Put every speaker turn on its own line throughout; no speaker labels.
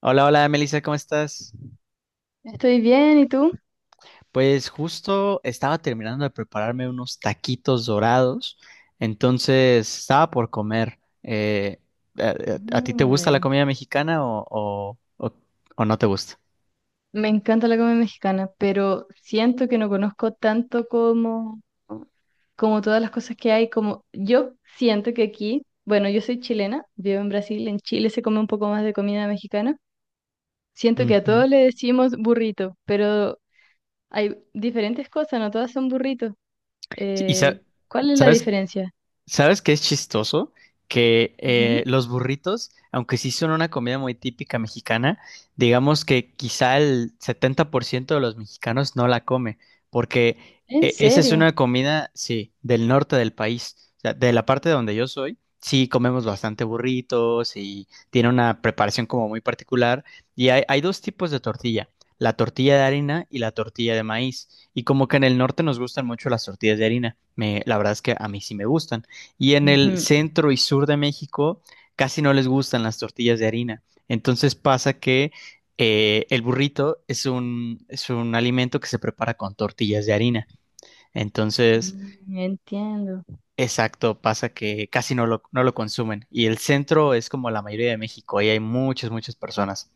Hola, hola, Melissa, ¿cómo estás?
Estoy bien, ¿y tú?
Pues justo estaba terminando de prepararme unos taquitos dorados, entonces estaba por comer. ¿A, ¿A ti te gusta la
Mm.
comida mexicana o no te gusta?
Me encanta la comida mexicana, pero siento que no conozco tanto como, como todas las cosas que hay. Como yo siento que aquí, bueno, yo soy chilena, vivo en Brasil, en Chile se come un poco más de comida mexicana. Siento que a
Ujú.
todos le decimos burrito, pero hay diferentes cosas, no todas son burritos.
Sí,
Eh, ¿Cuál es la
sabes?
diferencia?
¿Sabes qué es chistoso? Que
Ujú.
Los burritos, aunque sí son una comida muy típica mexicana, digamos que quizá el 70% de los mexicanos no la come, porque
¿En
esa es
serio?
una comida, sí, del norte del país, o sea, de la parte donde yo soy, sí comemos bastante burritos y tiene una preparación como muy particular, y hay dos tipos de tortilla, la tortilla de harina y la tortilla de maíz, y como que en el norte nos gustan mucho las tortillas de harina, me, la verdad es que a mí sí me gustan. Y en el
Ujú.
centro y sur de México casi no les gustan las tortillas de harina. Entonces pasa que el burrito es un alimento que se prepara con tortillas de harina. Entonces,
Mm, entiendo.
exacto, pasa que casi no lo, no lo consumen. Y el centro es como la mayoría de México, ahí hay muchas, muchas personas.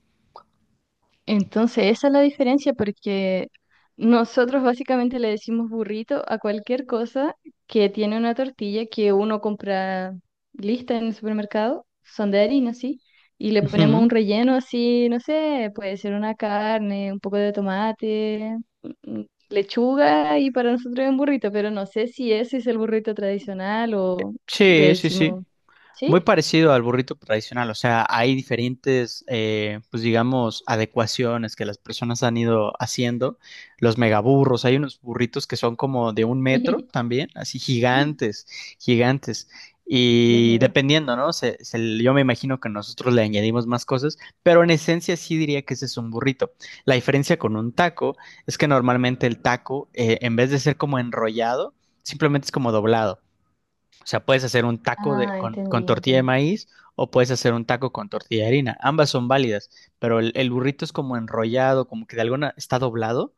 Entonces, esa es la diferencia porque nosotros básicamente le decimos burrito a cualquier cosa que tiene una tortilla que uno compra lista en el supermercado, son de harina, sí, y le ponemos
Ujú.
un relleno así, no sé, puede ser una carne, un poco de tomate, lechuga y para nosotros es un burrito, pero no sé si ese es el burrito tradicional o le
Sí, sí, sí.
decimos, ¿sí?
Muy parecido al burrito tradicional, o sea, hay diferentes, pues digamos, adecuaciones que las personas han ido haciendo. Los megaburros, hay unos burritos que son como de un metro también, así gigantes, gigantes.
Dios
Y
mío.
dependiendo, ¿no? Yo me imagino que nosotros le añadimos más cosas, pero en esencia sí diría que ese es un burrito. La diferencia con un taco es que normalmente el taco, en vez de ser como enrollado, simplemente es como doblado. O sea, puedes hacer un taco de,
Ah, entendí,
con tortilla de
entendí.
maíz o puedes hacer un taco con tortilla de harina. Ambas son válidas, pero el burrito es como enrollado, como que de alguna está doblado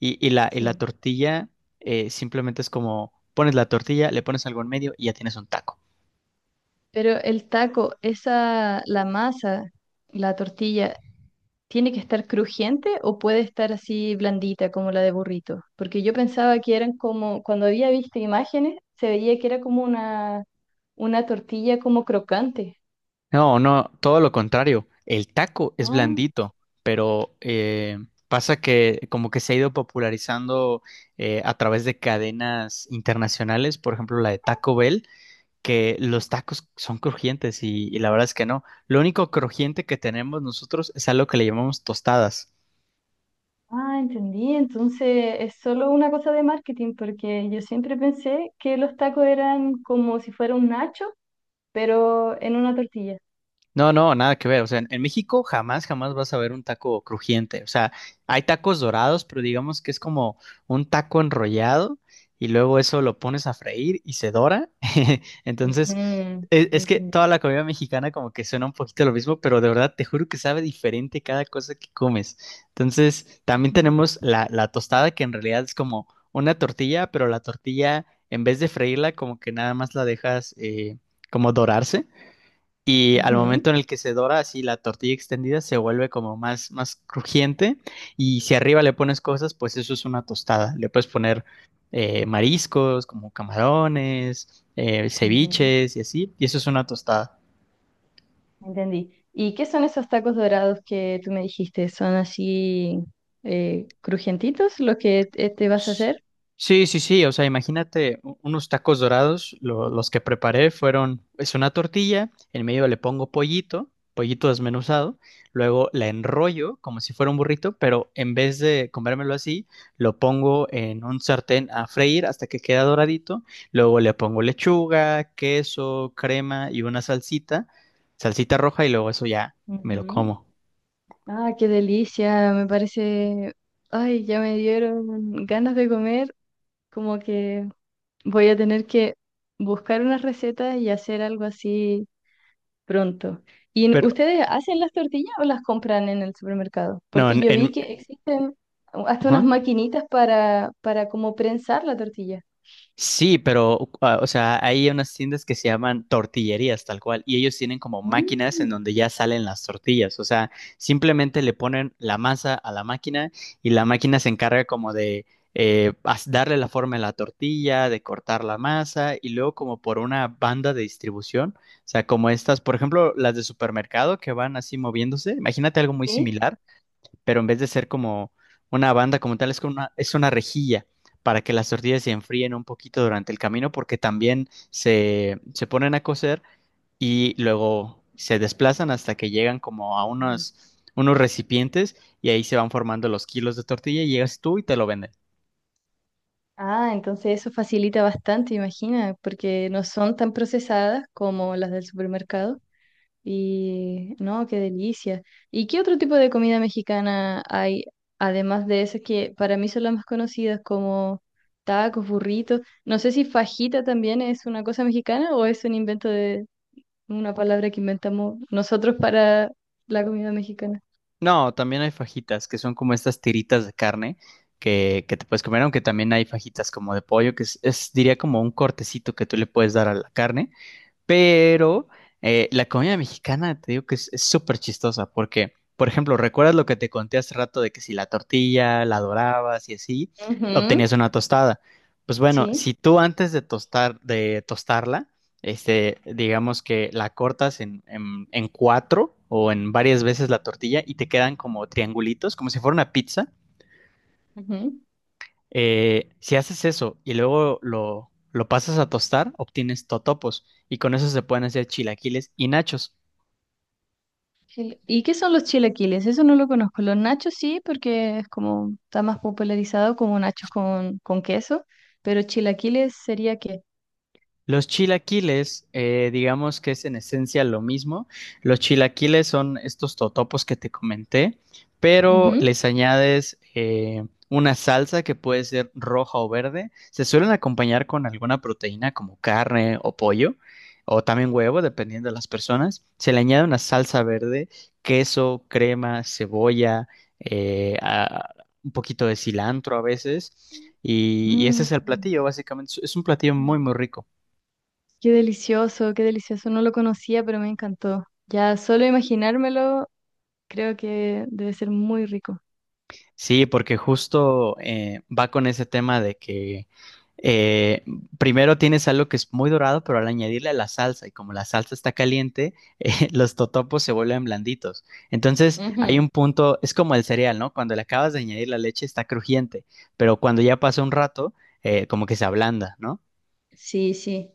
y, y la
Sí.
tortilla simplemente es como pones la tortilla, le pones algo en medio y ya tienes un taco.
Pero el taco, esa, la masa, la tortilla, ¿tiene que estar crujiente o puede estar así blandita como la de burrito? Porque yo pensaba que eran como, cuando había visto imágenes, se veía que era como una tortilla como crocante.
No, no, todo lo contrario. El taco es
Oh,
blandito, pero pasa que como que se ha ido popularizando a través de cadenas internacionales, por ejemplo la de Taco Bell que los tacos son crujientes y la verdad es que no. Lo único crujiente que tenemos nosotros es algo que le llamamos tostadas.
ah, entendí. Entonces es solo una cosa de marketing, porque yo siempre pensé que los tacos eran como si fuera un nacho, pero en una tortilla.
No, no, nada que ver. O sea, en México jamás, jamás vas a ver un taco crujiente. O sea, hay tacos dorados, pero digamos que es como un taco enrollado y luego eso lo pones a freír y se dora. Entonces,
Ujú,
que toda
entendí.
la comida mexicana como que suena un poquito lo mismo, pero de verdad te juro que sabe diferente cada cosa que comes. Entonces, también
Ujú,
tenemos la tostada que en realidad es como una tortilla, pero la tortilla en vez de freírla como que nada más la dejas como dorarse. Y al
ujú,
momento en el que se dora así la tortilla extendida se vuelve como más, más crujiente y si arriba le pones cosas, pues eso es una tostada. Le puedes poner mariscos como camarones,
ujú.
ceviches y así, y eso es una tostada.
Entendí. ¿Y qué son esos tacos dorados que tú me dijiste? ¿Son así crujientitos los que te vas a hacer?
Sí, sí, sí, o sea, unos tacos dorados, los que preparé fueron, es una tortilla, en medio le pongo pollito, pollito desmenuzado, luego la enrollo como si fuera un burrito, pero en vez de comérmelo así, lo pongo en un sartén a freír hasta que queda doradito, luego le pongo lechuga, queso, crema y una salsita, salsita roja y luego eso ya me lo
Ujú.
como.
Ah, qué delicia, me parece... Ay, ya me dieron ganas de comer, como que voy a tener que buscar una receta y hacer algo así pronto. ¿Y n-
Pero,
ustedes hacen las tortillas o las compran en el supermercado?
no,
Porque yo vi
en,
que existen hasta unas
ajá.
maquinitas para como prensar la tortilla.
Sí, pero, o sea, hay unas tiendas que se llaman tortillerías tal cual, y ellos tienen como máquinas en
Mm.
donde ya salen las tortillas, o sea, simplemente le ponen la masa a la máquina y la máquina se encarga como de darle la forma a la tortilla, de cortar la masa y luego como por una banda de distribución, o sea, como estas, por ejemplo, las de supermercado que van así moviéndose, imagínate algo muy
¿Sí?
similar pero en vez de ser como una banda como tal, es una rejilla para que las tortillas se enfríen un poquito durante el camino, porque también se ponen a cocer y luego se desplazan hasta que llegan como a
Ujú.
unos recipientes y ahí se van formando los kilos de tortilla y llegas tú y te lo venden.
Ah, entonces eso facilita bastante, imagina, porque no son tan procesadas como las del supermercado. Y no, qué delicia. ¿Y qué otro tipo de comida mexicana hay, además de esas que para mí son las más conocidas como tacos, burritos? No sé si fajita también es una cosa mexicana o es un invento de una palabra que inventamos nosotros para la comida mexicana.
No, también hay fajitas, que son como estas tiritas de carne que te puedes comer, aunque también hay fajitas como de pollo, es, diría como un cortecito que tú le puedes dar a la carne. Pero la comida mexicana, te digo que es súper chistosa, porque, por ejemplo, ¿recuerdas lo que te conté hace rato de que si la tortilla la dorabas y así,
Ujú.
obtenías una tostada? Pues bueno,
Sí.
si tú antes de tostar, de tostarla, este, digamos que la cortas en cuatro o en varias veces la tortilla y te quedan como triangulitos, como si fuera una pizza. Si haces eso y luego lo pasas a tostar, obtienes totopos y con eso se pueden hacer chilaquiles y nachos.
Chile- ¿Y qué son los chilaquiles? Eso no lo conozco. Los nachos sí, porque es como está más popularizado como nachos con queso, pero chilaquiles sería qué.
Los chilaquiles, digamos que es en esencia lo mismo. Los chilaquiles son estos totopos que te comenté, pero
Que...
les añades una salsa que puede ser roja o verde. Se suelen acompañar con alguna proteína como carne o pollo, o también huevo, dependiendo de las personas. Se le añade una salsa verde, queso, crema, cebolla, eh, a- un poquito de cilantro a veces. Y ese
Mm,
es el platillo, básicamente. Es un platillo muy, muy rico.
qué delicioso, qué delicioso. No lo conocía, pero me encantó. Ya solo imaginármelo, creo que debe ser muy rico.
Sí, porque justo va con ese tema de que eh, primero tienes algo que es muy dorado, pero al añadirle la salsa, y como la salsa está caliente, los totopos se vuelven blanditos. Entonces hay
Ujú.
un punto, es como el cereal, ¿no? Cuando le acabas de añadir la leche está crujiente, pero cuando ya pasa un rato, como que se ablanda, ¿no?
Sí, sí.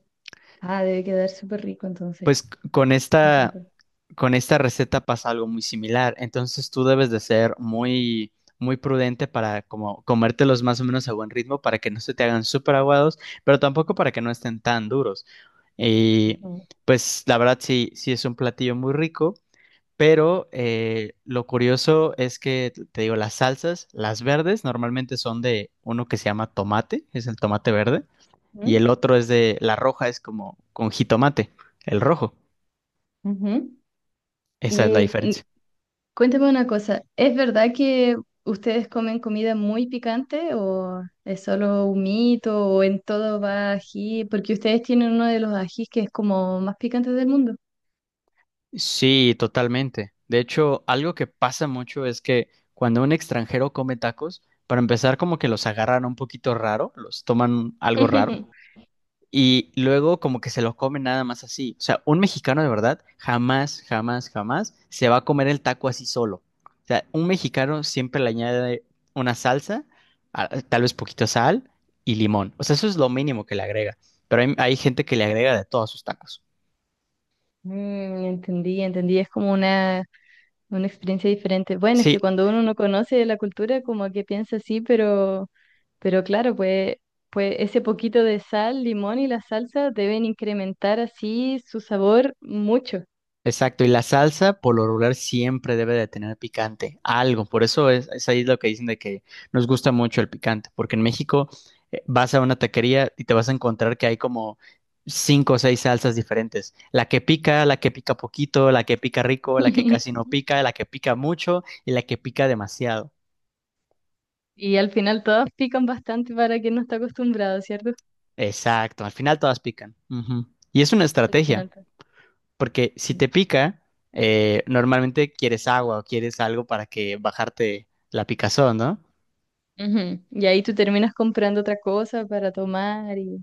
Ah, debe quedar súper rico entonces.
Pues c- con
Me
esta,
encantó.
con esta receta pasa algo muy similar. Entonces tú debes de ser muy, muy prudente para como comértelos más o menos a buen ritmo para que no se te hagan súper aguados, pero tampoco para que no estén tan duros. Y
Ujú.
pues la verdad sí, sí es un platillo muy rico, pero lo curioso es que, te digo, las salsas, las verdes, normalmente son de uno que se llama tomate, es el tomate verde, y
Ujú.
el otro es de, la roja es como con jitomate, el rojo.
Ujú.
Esa es la
¿Y
diferencia.
cuéntame una cosa, ¿es verdad que ustedes comen comida muy picante o es solo un mito o en todo va ají? Porque ustedes tienen uno de los ajís que es como más picante del mundo.
Sí, totalmente. De hecho, algo que pasa mucho es que cuando un extranjero come tacos, para empezar como que los agarran un poquito raro, los toman algo raro y luego como que se los comen nada más así. O sea, un mexicano de verdad jamás, jamás, jamás se va a comer el taco así solo. O sea, un mexicano siempre le añade una salsa, tal vez poquito sal y limón. O sea, eso es lo mínimo que le agrega. Pero hay gente que le agrega de todos sus tacos.
Mm, entendí, entendí, es como una experiencia diferente. Bueno, es
Sí,
que cuando uno no conoce la cultura, como que piensa así, pero claro, pues, pues ese poquito de sal, limón y la salsa deben incrementar así su sabor mucho.
exacto, y la salsa por lo regular siempre debe de tener picante, algo, por eso es ahí lo que dicen de que nos gusta mucho el picante, porque en México vas a una taquería y te vas a encontrar que hay como cinco o seis salsas diferentes, la que pica poquito, la que pica rico, la que casi no pica, la que pica mucho y la que pica demasiado.
Y al final todas pican bastante para quien no está acostumbrado, ¿cierto?
Exacto, al final todas pican. Ujú. Y es una
Al
estrategia.
final. To-
Porque si te pica, normalmente quieres agua o quieres algo para que bajarte la picazón, ¿no?
Ujú. Y ahí tú terminas comprando otra cosa para tomar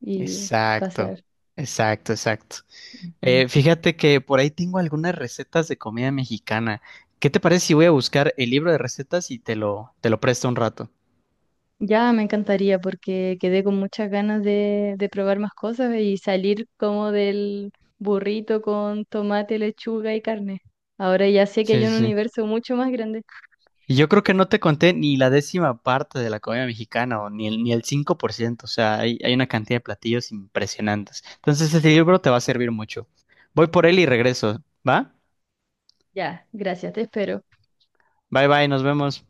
y
Exacto,
pasar.
exacto, exacto.
Ujú.
Fíjate que por ahí tengo algunas recetas de comida mexicana. ¿Qué te parece si voy a buscar el libro de recetas y te lo presto un rato?
Ya me encantaría porque quedé con muchas ganas de probar más cosas y salir como del burrito con tomate, lechuga y carne. Ahora ya sé que
Sí,
hay
sí,
un
sí.
universo mucho más grande.
Y yo creo que no te conté ni la décima parte de la comida mexicana o ni el 5%. O sea, hay una cantidad de platillos impresionantes. Entonces, este libro te va a servir mucho. Voy por él y regreso, ¿va?
Ya, gracias, te espero.
Bye bye, nos vemos.